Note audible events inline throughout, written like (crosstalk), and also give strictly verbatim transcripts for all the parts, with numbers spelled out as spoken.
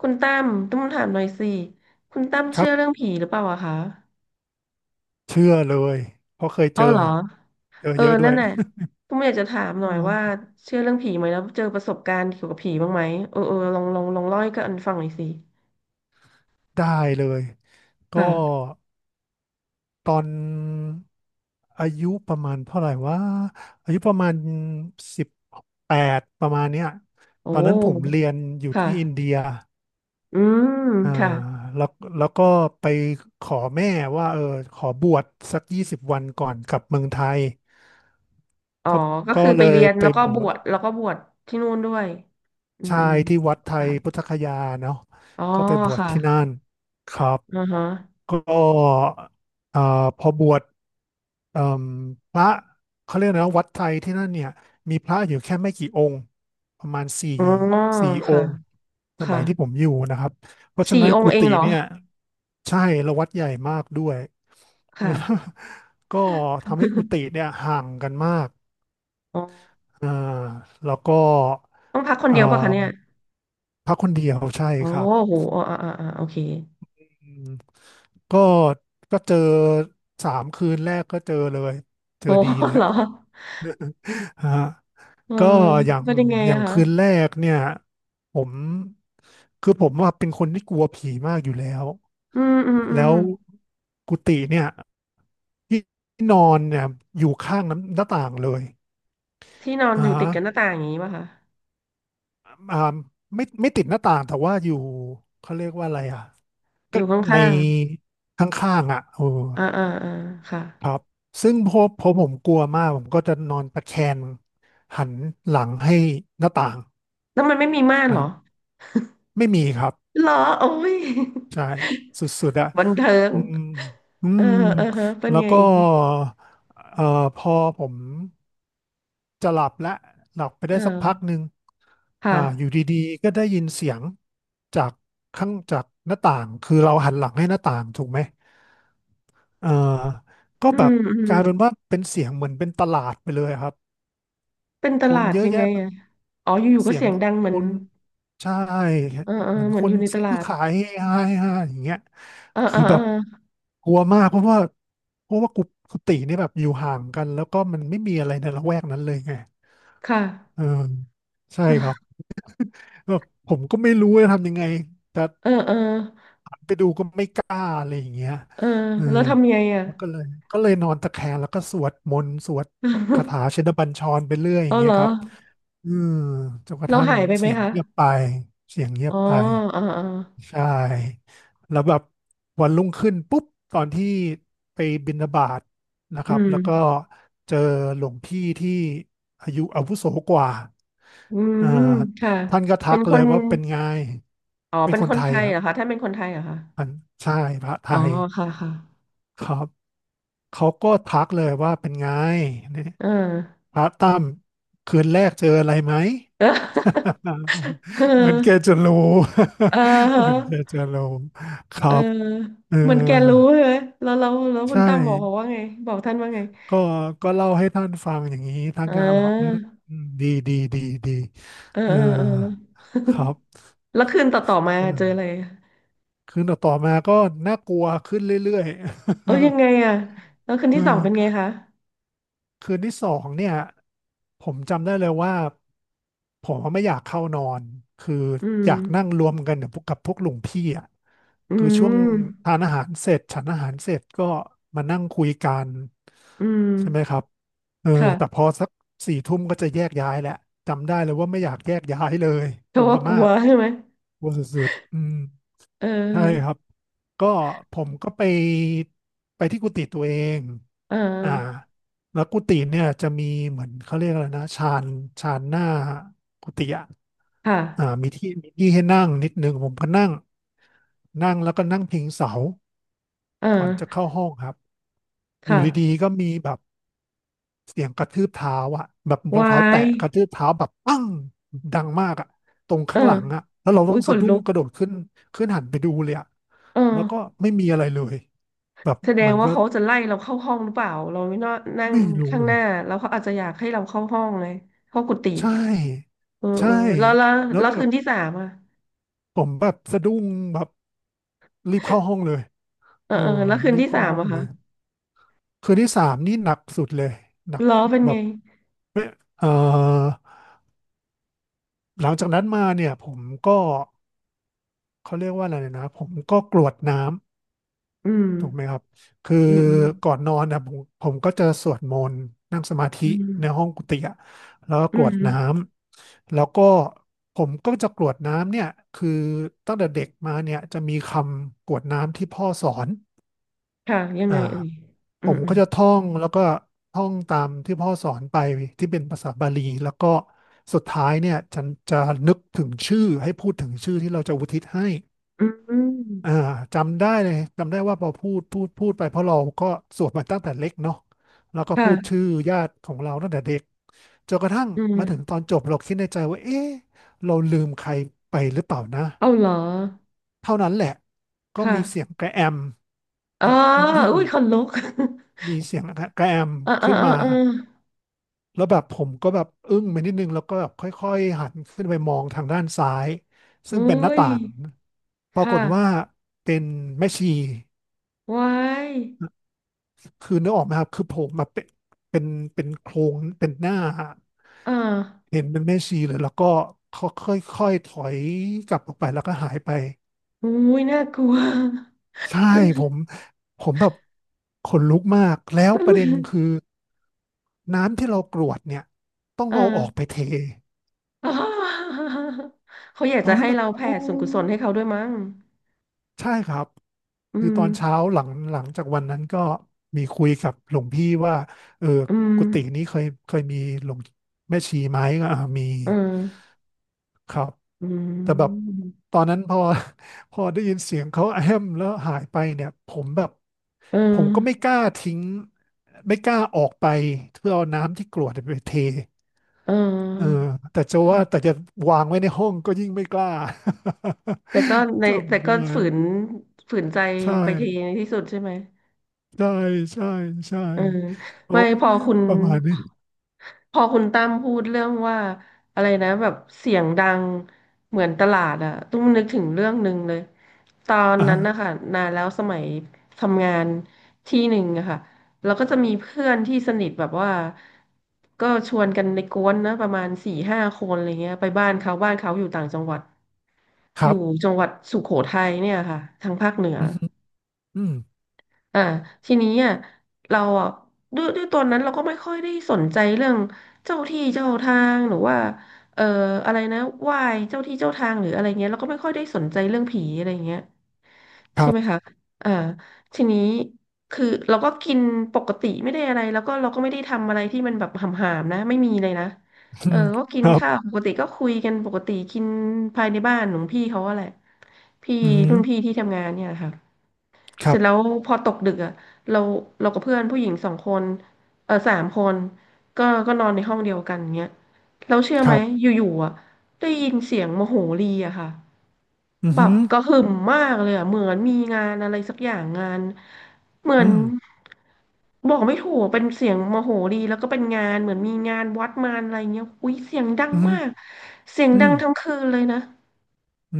คุณตั้มต้องถามหน่อยสิคุณตั้มคเชื่รัอเรื่บองผีหรือเปล่าอะคะเชื่อเลยเพราะเคยเจเอาอเหรอเจอเออเยอะด้วนั่ย นน่ะผมอยากจะถาม (laughs) หเอน่อยอ ว่า (laughs) เชื่อเรื่องผีไหมแล้วเจอประสบการณ์เกี่ยวกับผีบ้างไหมเออเออลองลองลองเล่าให้กันฟังหน่อยสิได้เลยก็ค่ะตอนอายุประมาณเท่าไหร่ว่าอายุประมาณสิบแปดประมาณเนี้ยโอตอนนั้นผม้เรียนอยู่ค่ะที่อินเดียอืมอ่าค่ะแล้วแล้วก็ไปขอแม่ว่าเออขอบวชสักยี่สิบวันก่อนกลับเมืองไทยอ๋อก็ก็ก็คือไปเลเรียยนไปแล้วก็บบววชชแล้วก็บวชที่นู่นด้วยอืมชาอืมยที่วัดไทค่ะยพุทธคยาเนาะอ๋อก็ไปบวชค่ะที่นั่นครับ อือฮะก็อ่าพอบวชเอ่มพระเขาเรียกนะวัดไทยที่นั่นเนี่ยมีพระอยู่แค่ไม่กี่องค์ประมาณสี่อ๋อสี่อค่ะงค์สค่ะมัยที่ผมอยู่นะครับเพราะฉะสี่นั้นองกุค์เองฏิเหรอเนี่ยใช่และวัดใหญ่มากด้วย ค่ะ (laughs) ก็ทำให้กุฏิเนี่ยห่างกันมากอ๋ออ่าแล้วก็ต้องพักคนเอ่อเดียวป่ะคะเนี่ย พระคนเดียวใช่อ๋อครับ โหอ่าอ่าอ่าอ่าโอเคอืมก็ก็เจอสามคืนแรกก็เจอเลยเจโห อดีเล (laughs) ยเหรอ อะฮะเออก็อย่างเป็นยังไงอย่าอะงคะคืนแรกเนี่ยผมคือผมว่าเป็นคนที่กลัวผีมากอยู่แล้วอืมอืมอืแล้มวกุฏิเนี่ยที่นอนเนี่ยอยู่ข้างน้ำหน้าต่างเลยที่นอนอ่าอยู่ติดกับหน้าต่างอย่างนี้ป่ะคะอ่าไม่ไม่ติดหน้าต่างแต่ว่าอยู่เขาเรียกว่าอะไรอ่ะอก็ยู่ในข้างข้างๆอ่ะเออ ๆอ่าอ่าอ่าค่ะครับซึ่งพอพอผมกลัวมากผมก็จะนอนตะแคงหันหลังให้หน้าต่างแล้วมันไม่มีม่านเหนะรคอรับไม่มีครับเหรอโอ้ย ใช่สุดๆอะ (laughs) บันเทิงอืมอืเออมเออฮะเป็นแล้วไงก็อีกเอ่อพอผมจะหลับและหลับไปเอได้สักพักอหนึ่งคอ่าอยู่่ะดีๆก็ได้ยินเสียงจากข้างจากหน้าต่างคือเราหันหลังให้หน้าต่างถูกไหมเอ่อก็อืแบมบอืกมลายเป็นว่าเป็นเสียงเหมือนเป็นตลาดไปเลยครับเป็นตคนลาดเยอะยังไงแยะ อะอ๋ออยู่ๆก็เสียงเสียงดังเหมืคอนนใช่เออเออเหมือนเหมือคนอนยู่ในตซื้อลาดขายเฮฮาเฮฮาอย่างเงี้ยเออเอคืออแบเอบอกลัวมากเพราะว่าเพราะว่ากุกุฏินี่แบบอยู่ห่างกันแล้วก็มันไม่มีอะไรในละแวกนั้นเลยไงค่ะเออใช่ครับ (laughs) แบบผมก็ไม่รู้จะทำยังไง เออเออ ไปดูก็ไม่กล้าอะไรอย่างเงี้ยเออเออแล้วทำไงอ่ะ แล้วก็เลยก็เลยนอนตะแคงแล้วก็สวดมนต์สวดคาถาชิ (laughs) นบัญชรไปเรื่อยอย่าเอางเงี้เหรยอครับอืมจนกระเราทั่งหายไปไหมเสียงคะเงียบไปเสียงเงียอ๋บอไปอ๋ออ๋อใช่แล้วแบบวันรุ่งขึ้นปุ๊บตอนที่ไปบิณฑบาตนะคอืรับมแล้วก็เจอหลวงพี่ที่อายุอาวุโสกว่าอือ่ามค่ะท่านก็ทัเป็นกคเลนยว่าเป็นไง อ๋อเป็นเป็นคคนนไทไทยยครัเหรบ อคะท่านเป็นคนไทยเหรอคะพันใช่พระไทอ๋อยค่ะค่ะครับเขาก็ทักเลยว่าเป็นไงเนี่ยเอพอ ระตั้มคืนแรกเจออะไรไหม (laughs) เ (laughs) เหมือนแกออจะรู้ เออ (laughs) เออฮเหมือนแกะจะรู้คเอรัอบเออเหมอนแกรู้ใช่ไหมแล้วแล้วแล้วคุณใช่ตั้มบอกเขาว่าไงบอกท่านว่าไงก็ก็เล่าให้ท่านฟังอย่างนี้ท่าเนก็บอกอืออมอืมดีดีดีดีเออเออเออเออ ครับ (laughs) แล้วคืนต่อต่อมาอืมเจออะไรอะคืนต่อๆมาก็น่ากลัวขึ้นเรื่อยเออๆ ยังไงอะแล้วคืน (laughs) เที่สองเป็นไงออ คะ คืนที่สองเนี่ยผมจำได้เลยว่าผมไม่อยากเข้านอนคืออืมอยากนั่งรวมกันกับพวกกับพวกลุงพี่อ่ะอืคือช่วงม ทานอาหารเสร็จฉันอาหารเสร็จก็มานั่งคุยกันอืม ใช่ไหมครับเออแต่ค่ะพอสักสี่ทุ่มก็จะแยกย้ายแหละจำได้เลยว่าไม่อยากแยกย้ายเลยกเขาลัวว่ากมาลัวกใช่ไหมอืม เอใช่ครัอบ ก็ผมก็ไปไปที่กุฏิตัวเองเอออ่าแล้วกุฏิเนี่ยจะมีเหมือนเขาเรียกอะไรนะชานชานหน้ากุฏิอ่ะค่ะอ่ามีที่มีที่ให้นั่งนิดนึงผมก็นั่งนั่งแล้วก็นั่งพิงเสาเอก่อนจะอเข้าห้องครับ อยู่ดีค่ะๆก็มีแบบ เสียงกระทืบเท้าอ่ะแบบรองวาเท้าแตะยกระทืบเท้าแบบปั้งดังมากอะตรงเออข้างหลังอะแล้วเราอุ้ต้อยงขสะนดุ้ลุงกกระโดดขึ้นขึ้นหันไปดูเลยอะเออแล้วก็ไม่มีอะไรเลยแบบแสดมังนว่าก็เขาจะไล่เราเข้าห้องหรือเปล่า เราไม่นอนนั่งไม่รู้ข้างหเลยน้าแล้วเขาอาจจะอยากให้เราเข้าห้องเลยเข้ากุฏิใช่เออใช่เออแล้วแล้วแล้วแล้วแบคืบนที่สามอ่ะผมแบบสะดุ้งแบบรีบเข้าห้องเลยเออเออเออแล้วคืนรีบที่เข้าสามห้องอะเลคะยคืนที่สามนี่หนักสุดเลยหนักล้อเป็นแบไงบไม่เออหลังจากนั้นมาเนี่ยผมก็เขาเรียกว่าอะไรนะผมก็กรวดน้ำ อืมถูกไหมครับคืออืมอืมก่อนนอนนะผมผมก็จะสวดมนต์นั่งสมาธิอืมในห้องกุฏิอะแล้วก็อืกรวดมน้ำแล้วก็ผมก็จะกรวดน้ำเนี่ยคือตั้งแต่เด็กมาเนี่ยจะมีคำกรวดน้ำที่พ่อสอนค่ะยังไงอ่าเอ่ยอืผมมอืก็มจะท่องแล้วก็ท่องตามที่พ่อสอนไปที่เป็นภาษาบาลีแล้วก็สุดท้ายเนี่ยจะจะนึกถึงชื่อให้พูดถึงชื่อที่เราจะอุทิศให้ อือ่าม จำได้เลยจำได้ว่าพอพูดพูดพูดไปเพราะเราก็สวดมาตั้งแต่เล็กเนาะแล้วก็พูค่ะดชื่อญาติของเราตั้งแต่เด็กจนกระทั่งอืมมาถึงตอนจบเราคิดในใจว่าเอ๊ะเราลืมใครไปหรือเปล่านะเอาเหรอเท่านั้นแหละก็มีเสียค่ะงกระแอม (coughs) อ๋อแบบ อุ้ยขนลุก (clears throat) มีเสียงกระแอม (laughs) อ่าอ่าขึ้นอ่ามาอ่าแล้วแบบผมก็แบบอึ้งไปนิดนึงแล้วก็แบบค่อยๆหันขึ้นไปมองทางด้านซ้ายซึ่อุ้งเป็นหน้ายต่างปครากฏว่า่ะเป็นแม่ชี ไว้ายคือนึกออกไหมครับคือโผล่มาเป็นเป็นเป็นโครงเป็นหน้าอ่าเห็นเป็นแม่ชีเลยแล้วก็เขาค่อยๆถอยกลับออกไปแล้วก็หายไปอุ้ย น่ากลัว ใช่ผ (laughs) มผมแบบขนลุกมากแล้วตะปลึระงเด็นคือน้ำที่เรากรวดเนี่ยต้องอ่เอาออกไปาเทอ๋อ (laughs) เขาอยากตอจะนนั้ให้นแบบเราแผ่โอ้ส่วนกุศลให้เขาด้วยมั้งใช่ครับอืคือตมอนเช้าหลังหลังจากวันนั้นก็มีคุยกับหลวงพี่ว่าเอออืมกุฏินี้เคยเคยมีหลวงแม่ชีไหมก็อ่ามี เออครับอืแต่แบบมตอนนั้นพอ (laughs) พอได้ยินเสียงเขาแอมแล้วหายไปเนี่ยผมแบบเอผมก็ไม่กอล้าทิ้งไม่กล้าออกไปเพื่อเอาน้ำที่กรวดไปเทเเออออแต่จะว่าแต่จะวางไว้ในห้องก็ยิ่งไม่กล้า แต่ก็ (laughs) ในแต่จำก็ได้ฝืนฝืนใจใช่ไปทีในที่สุดใช่ไหม ใช่ใช่ใช่เออโอ้ไม่พอยคุณประมาณนี้พอคุณตั้มพูดเรื่องว่าอะไรนะแบบเสียงดังเหมือนตลาดอะตุ้มนึกถึงเรื่องหนึ่งเลยตอนนั้นนะอ่าคะนานแล้วสมัยทำงานที่หนึ่งอะค่ะเราก็จะมีเพื่อนที่สนิทแบบว่าก็ชวนกันในกวนนะประมาณสี่ห้าคนอะไรเงี้ยไปบ้านเขาบ้านเขาอยู่ต่างจังหวัดคอรัยู่บจังหวัดสุโขทัยเนี่ยค่ะทางภาคเหนือ อืมฮึอืมอ่าทีนี้อ่ะเราอ่ะด้วยด้วยตอนนั้นเราก็ไม่ค่อยได้สนใจเรื่องเจ้าที่เจ้าทางหรือว่าเอ่ออะไรนะไหว้เจ้าที่เจ้าทางหรืออะไรเงี้ยเราก็ไม่ค่อยได้สนใจเรื่องผีอะไรเงี้ยคใช่รัไหมบคะอ่าทีนี้คือเราก็กินปกติไม่ได้อะไรแล้วก็เราก็ไม่ได้ทำอะไรที่มันแบบหำๆนะไม่มีเลยนะอืเออมก็กิคนรับข้าวปกติก็คุยกันปกติกินภายในบ้านของพี่เขาอะแหละพี่อืมรุ่นพี่ที่ทำงานเนี่ยแหละค่ะ คเสรัร็จแล้บวพอตกดึกอ่ะเราเรากับเพื่อนผู้หญิงสองคนเออสามคนก็ก็นอนในห้องเดียวกันเงี้ยเราเชื่อคไหมรัอบยู่ๆอ่ะได้ยินเสียงโมโหรีอะค่ะอืมแบฮึบกระหึ่มมากเลยอ่ะเหมือนมีงานอะไรสักอย่างงานเหมืออืนมบอกไม่ถูกเป็นเสียงโมโหรีแล้วก็เป็นงานเหมือนมีงานวัดมานอะไรเงี้ยอุ้ยเสียงดังอืมากม เสียงอืดัมงทั้งคืนเลยนะ อื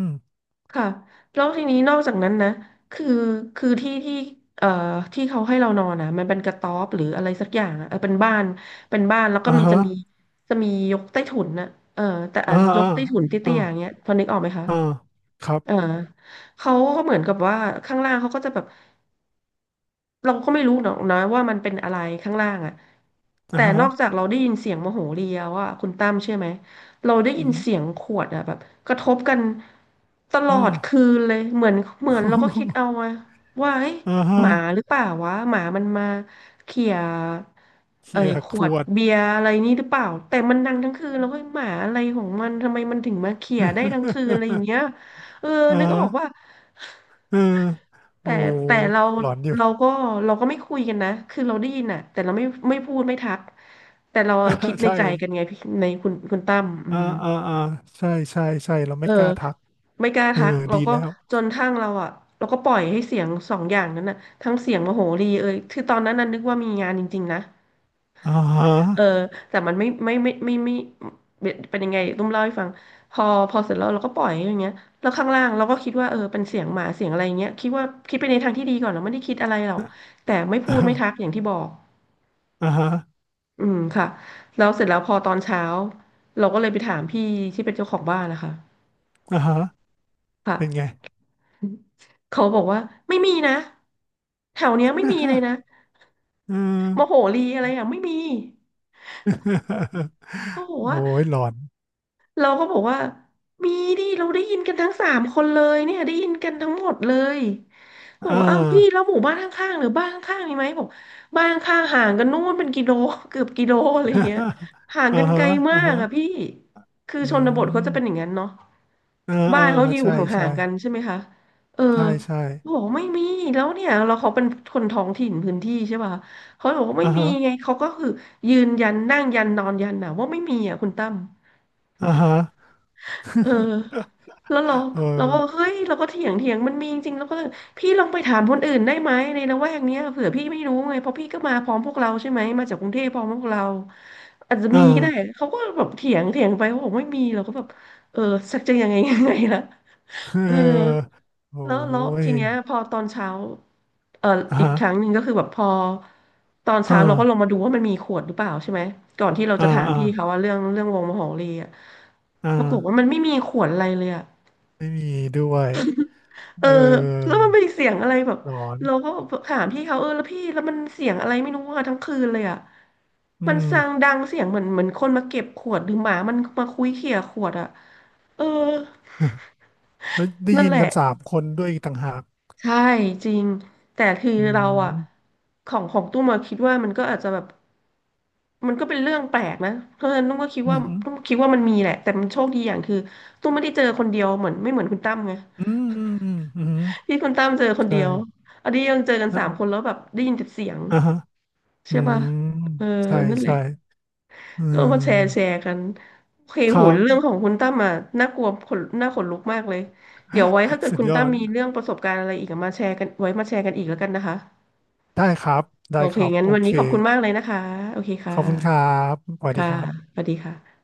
มค่ะแล้วทีนี้นอกจากนั้นนะคือคือที่ที่เอ่อที่เขาให้เรานอนนะมันเป็นกระต๊อบหรืออะไรสักอย่างอะเออเป็นบ้านเป็นบ้านแล้วก็อ่ามันจะฮะมีจะมียกใต้ถุนนะเออแต่อ่ะอ่ายอ่ากใต้ถุนอ่าเตี้ยๆอย่างเงี้ยพอนึกออกไหมคะอ่าครับเออเขาก็เหมือนกับว่าข้างล่างเขาก็จะแบบ เราก็ไม่รู้หรอกนะว่ามันเป็นอะไรข้างล่างอ่ะอ่าแต่นฮะอกจากเราได้ยินเสียงโมโหเรียว่าคุณตั้มเชื่อไหมเราได้อืยินมเสียงขวดอ่ะแบบกระทบกันตลอือม ดคืนเลยเหมือนเหมือนเราก็คิด (laughs) เอาอะว่าเฮ้ยอ่าฮะหมาหรือเปล่าวะหมามันมาเขี่ยเอ้เขี่ยยขขวดวด เบียร์อะไรนี่หรือเปล่าแต่มันดังทั้งคืนแล้วก็หมาอะไรของมันทำไมมันถึงมาเขี่ยได้ทั้งคืนอะไรอย่างเงี้ยเออ (laughs) อ่านึกอฮะอกว่า เออแต่โอ้โหแต่เราหลอนอยู่ เราก็เราก็ไม่คุยกันนะคือเราได้ยินอ่ะแต่เราไม่ไม่พูดไม่ทักแต่เราคิด (laughs) ในใช่ใจกันไงพี่ในคุณคุณตั้มอือ่ามอ่าอ่าใช่ใช่ใช่เราเอไม่อกล้าทัก ไม่กล้าเออ ทักเราดีก็แล้วจนทั้งเราอ่ะเราก็ปล่อยให้เสียงสองอย่างนั้นน่ะทั้งเสียงโมโหรีเอ่ยคือตอนนั้นน่ะนึกว่ามีงานจริงๆนะ อ่าฮะ เออแต่มันไม่ไม่ไม่ไม่ไม่ไม่เป็นยังไงตุ้มเล่าให้ฟังพอพอเสร็จแล้วเราก็ปล่อยอย่างเงี้ยแล้วข้างล่างเราก็คิดว่าเออเป็นเสียงหมาเสียงอะไรเงี้ยคิดว่าคิดไปในทางที่ดีก่อนเราไม่ได้คิดอะไรหรอก (laughs) แต่ไม่พูดไม่ทักอย่างที่บอกอ่าฮะอืมค่ะแล้วเสร็จแล้วพอตอนเช้าเราก็เลยไปถามพี่ที่เป็นเจ้าของบ้านนะคะอ่าฮะเป็นไง ค่ะเขาบอกว่าไม่มีนะแถวเนี้ยไม่มีเลย (laughs) นะเออ โมโหลีอะไรอย่างไม่มี (laughs) เขาบอกโอ้ว่า ยหลอนเราก็บอกว่ามีดิเราได้ยินกันทั้งสามคนเลยเนี่ยได้ยินกันทั้งหมดเลยบอกอ่า ว่าอ้าวพี่แล้วหมู่บ้านข้างๆหรือบ้านข้างๆมีไหมบอกบ้านข้างห่างกันนู่นเป็นกิโล (laughs) เกือบกิโลอะไรอย่างเงี้ยห่าง (laughs) อ่ากันไกฮะลมาอ่ากอะพี่ฮะคืออืชนบทเขาจะเป็นอย่างมนั้นเนาะอ่าบ้าอ่านเขาจะอยู่ใช่ห่าใช่งๆกันใช่ไหมคะเออใช่ใช่เขาบอกไม่มีแล้วเนี่ยเราเขาเป็นคนท้องถิ่นพื้นที่ใช่ป่ะเขาบอกว่าไม่อ่ามีฮะไงเขาก็คือยืนยันนั่งยันนอนยันนะว่าไม่มีอ่ะคุณตั้ม อ่าฮะ เอ (laughs) อแล้วเราเเราก็ออเฮ้ยเราก็เถียงเถียงมันมีจริงๆแล้วก็เลยพี่ลองไปถามคนอื่นได้ไหมในละแวกเนี้ยเผื่อพี่ไม่รู้ไงเพราะพี่ก็มาพร้อมพวกเราใช่ไหมมาจากกรุงเทพพร้อมพวกเราอาจจะมีอ่าก็ได้เขาก็แบบเถียงเถียงไปเขาบอกไม่มีเราก็แบบเออสักจะยังไง (laughs) ยังไงล่ะเออ เออ (laughs) โอ้แล้วแล้วยทีเนี้ยพอตอนเช้าเอ่ออ่าอีกฮะครั้งหนึ่งก็คือแบบพอตอนเช้าอ่าเราก็ลงมาดูว่ามันมีขวดหรือเปล่าใช่ไหมก่อนที่เราอ่าจะถามอ่าพี่เขาว่าเรื่องเรื่องวงมโหรีอะอ่าปรากฏว่ามันไม่มีขวดอะไรเลยอะ ไม่มีด้วยเอเอออแล้วมันเป็นเสียงอะไรแบบหลอนเราก็ถามพี่เขาเออแล้วพี่แล้วมันเสียงอะไรไม่รู้อะทั้งคืนเลยอะอืมันม ซางดังเสียงเหมือนเหมือนคนมาเก็บขวดหรือหมามันมาคุ้ยเขี่ยขวดอะเออ (laughs) แล้วได้นั่นยินแหละกันสามคนด้วยอีกต่างหากใช่จริงแต่คืออืเราอะมของของตุ้มมาคิดว่ามันก็อาจจะแบบมันก็เป็นเรื่องแปลกนะเพราะฉะนั้นตุ้มก็คิดอืว่ามอตุ้มคิดว่ามันมีแหละแต่มันโชคดีอย่างคือตุ้มไม่ได้เจอคนเดียวเหมือนไม่เหมือนคุณตั้มไงืมอืมอืมอืมที่คุณตั้มเจอคในเดียวช่อันนี้ยังเจอกันสามคนใช่แล้วแบบได้ยินแต่เสียง อ่าฮะอืใช่ป่ะมเออใช่นั่นแหละใช่อืก็มาแชร์แชม ร์กันโอเคคโหรัเรื่องขอบงคุณตั้มอ่ะน่ากลัวขนน่าขนลุกมากเลยเดี๋ยวไว้ถ้าเกิดสุดคุณยอตั้มดมีเรื่องประสบการณ์อะไรอีกอะมาแชร์กันไว้มาแชร์กันอีกแล้วกันนะคะได้ครับโอได้เคครับงั้นโอวันเคนี้ขอบคุณมากเลยนะคะโอเคคขอบคุณครั่ะบสวัสดีค่ะครับสวัสดีค่ะ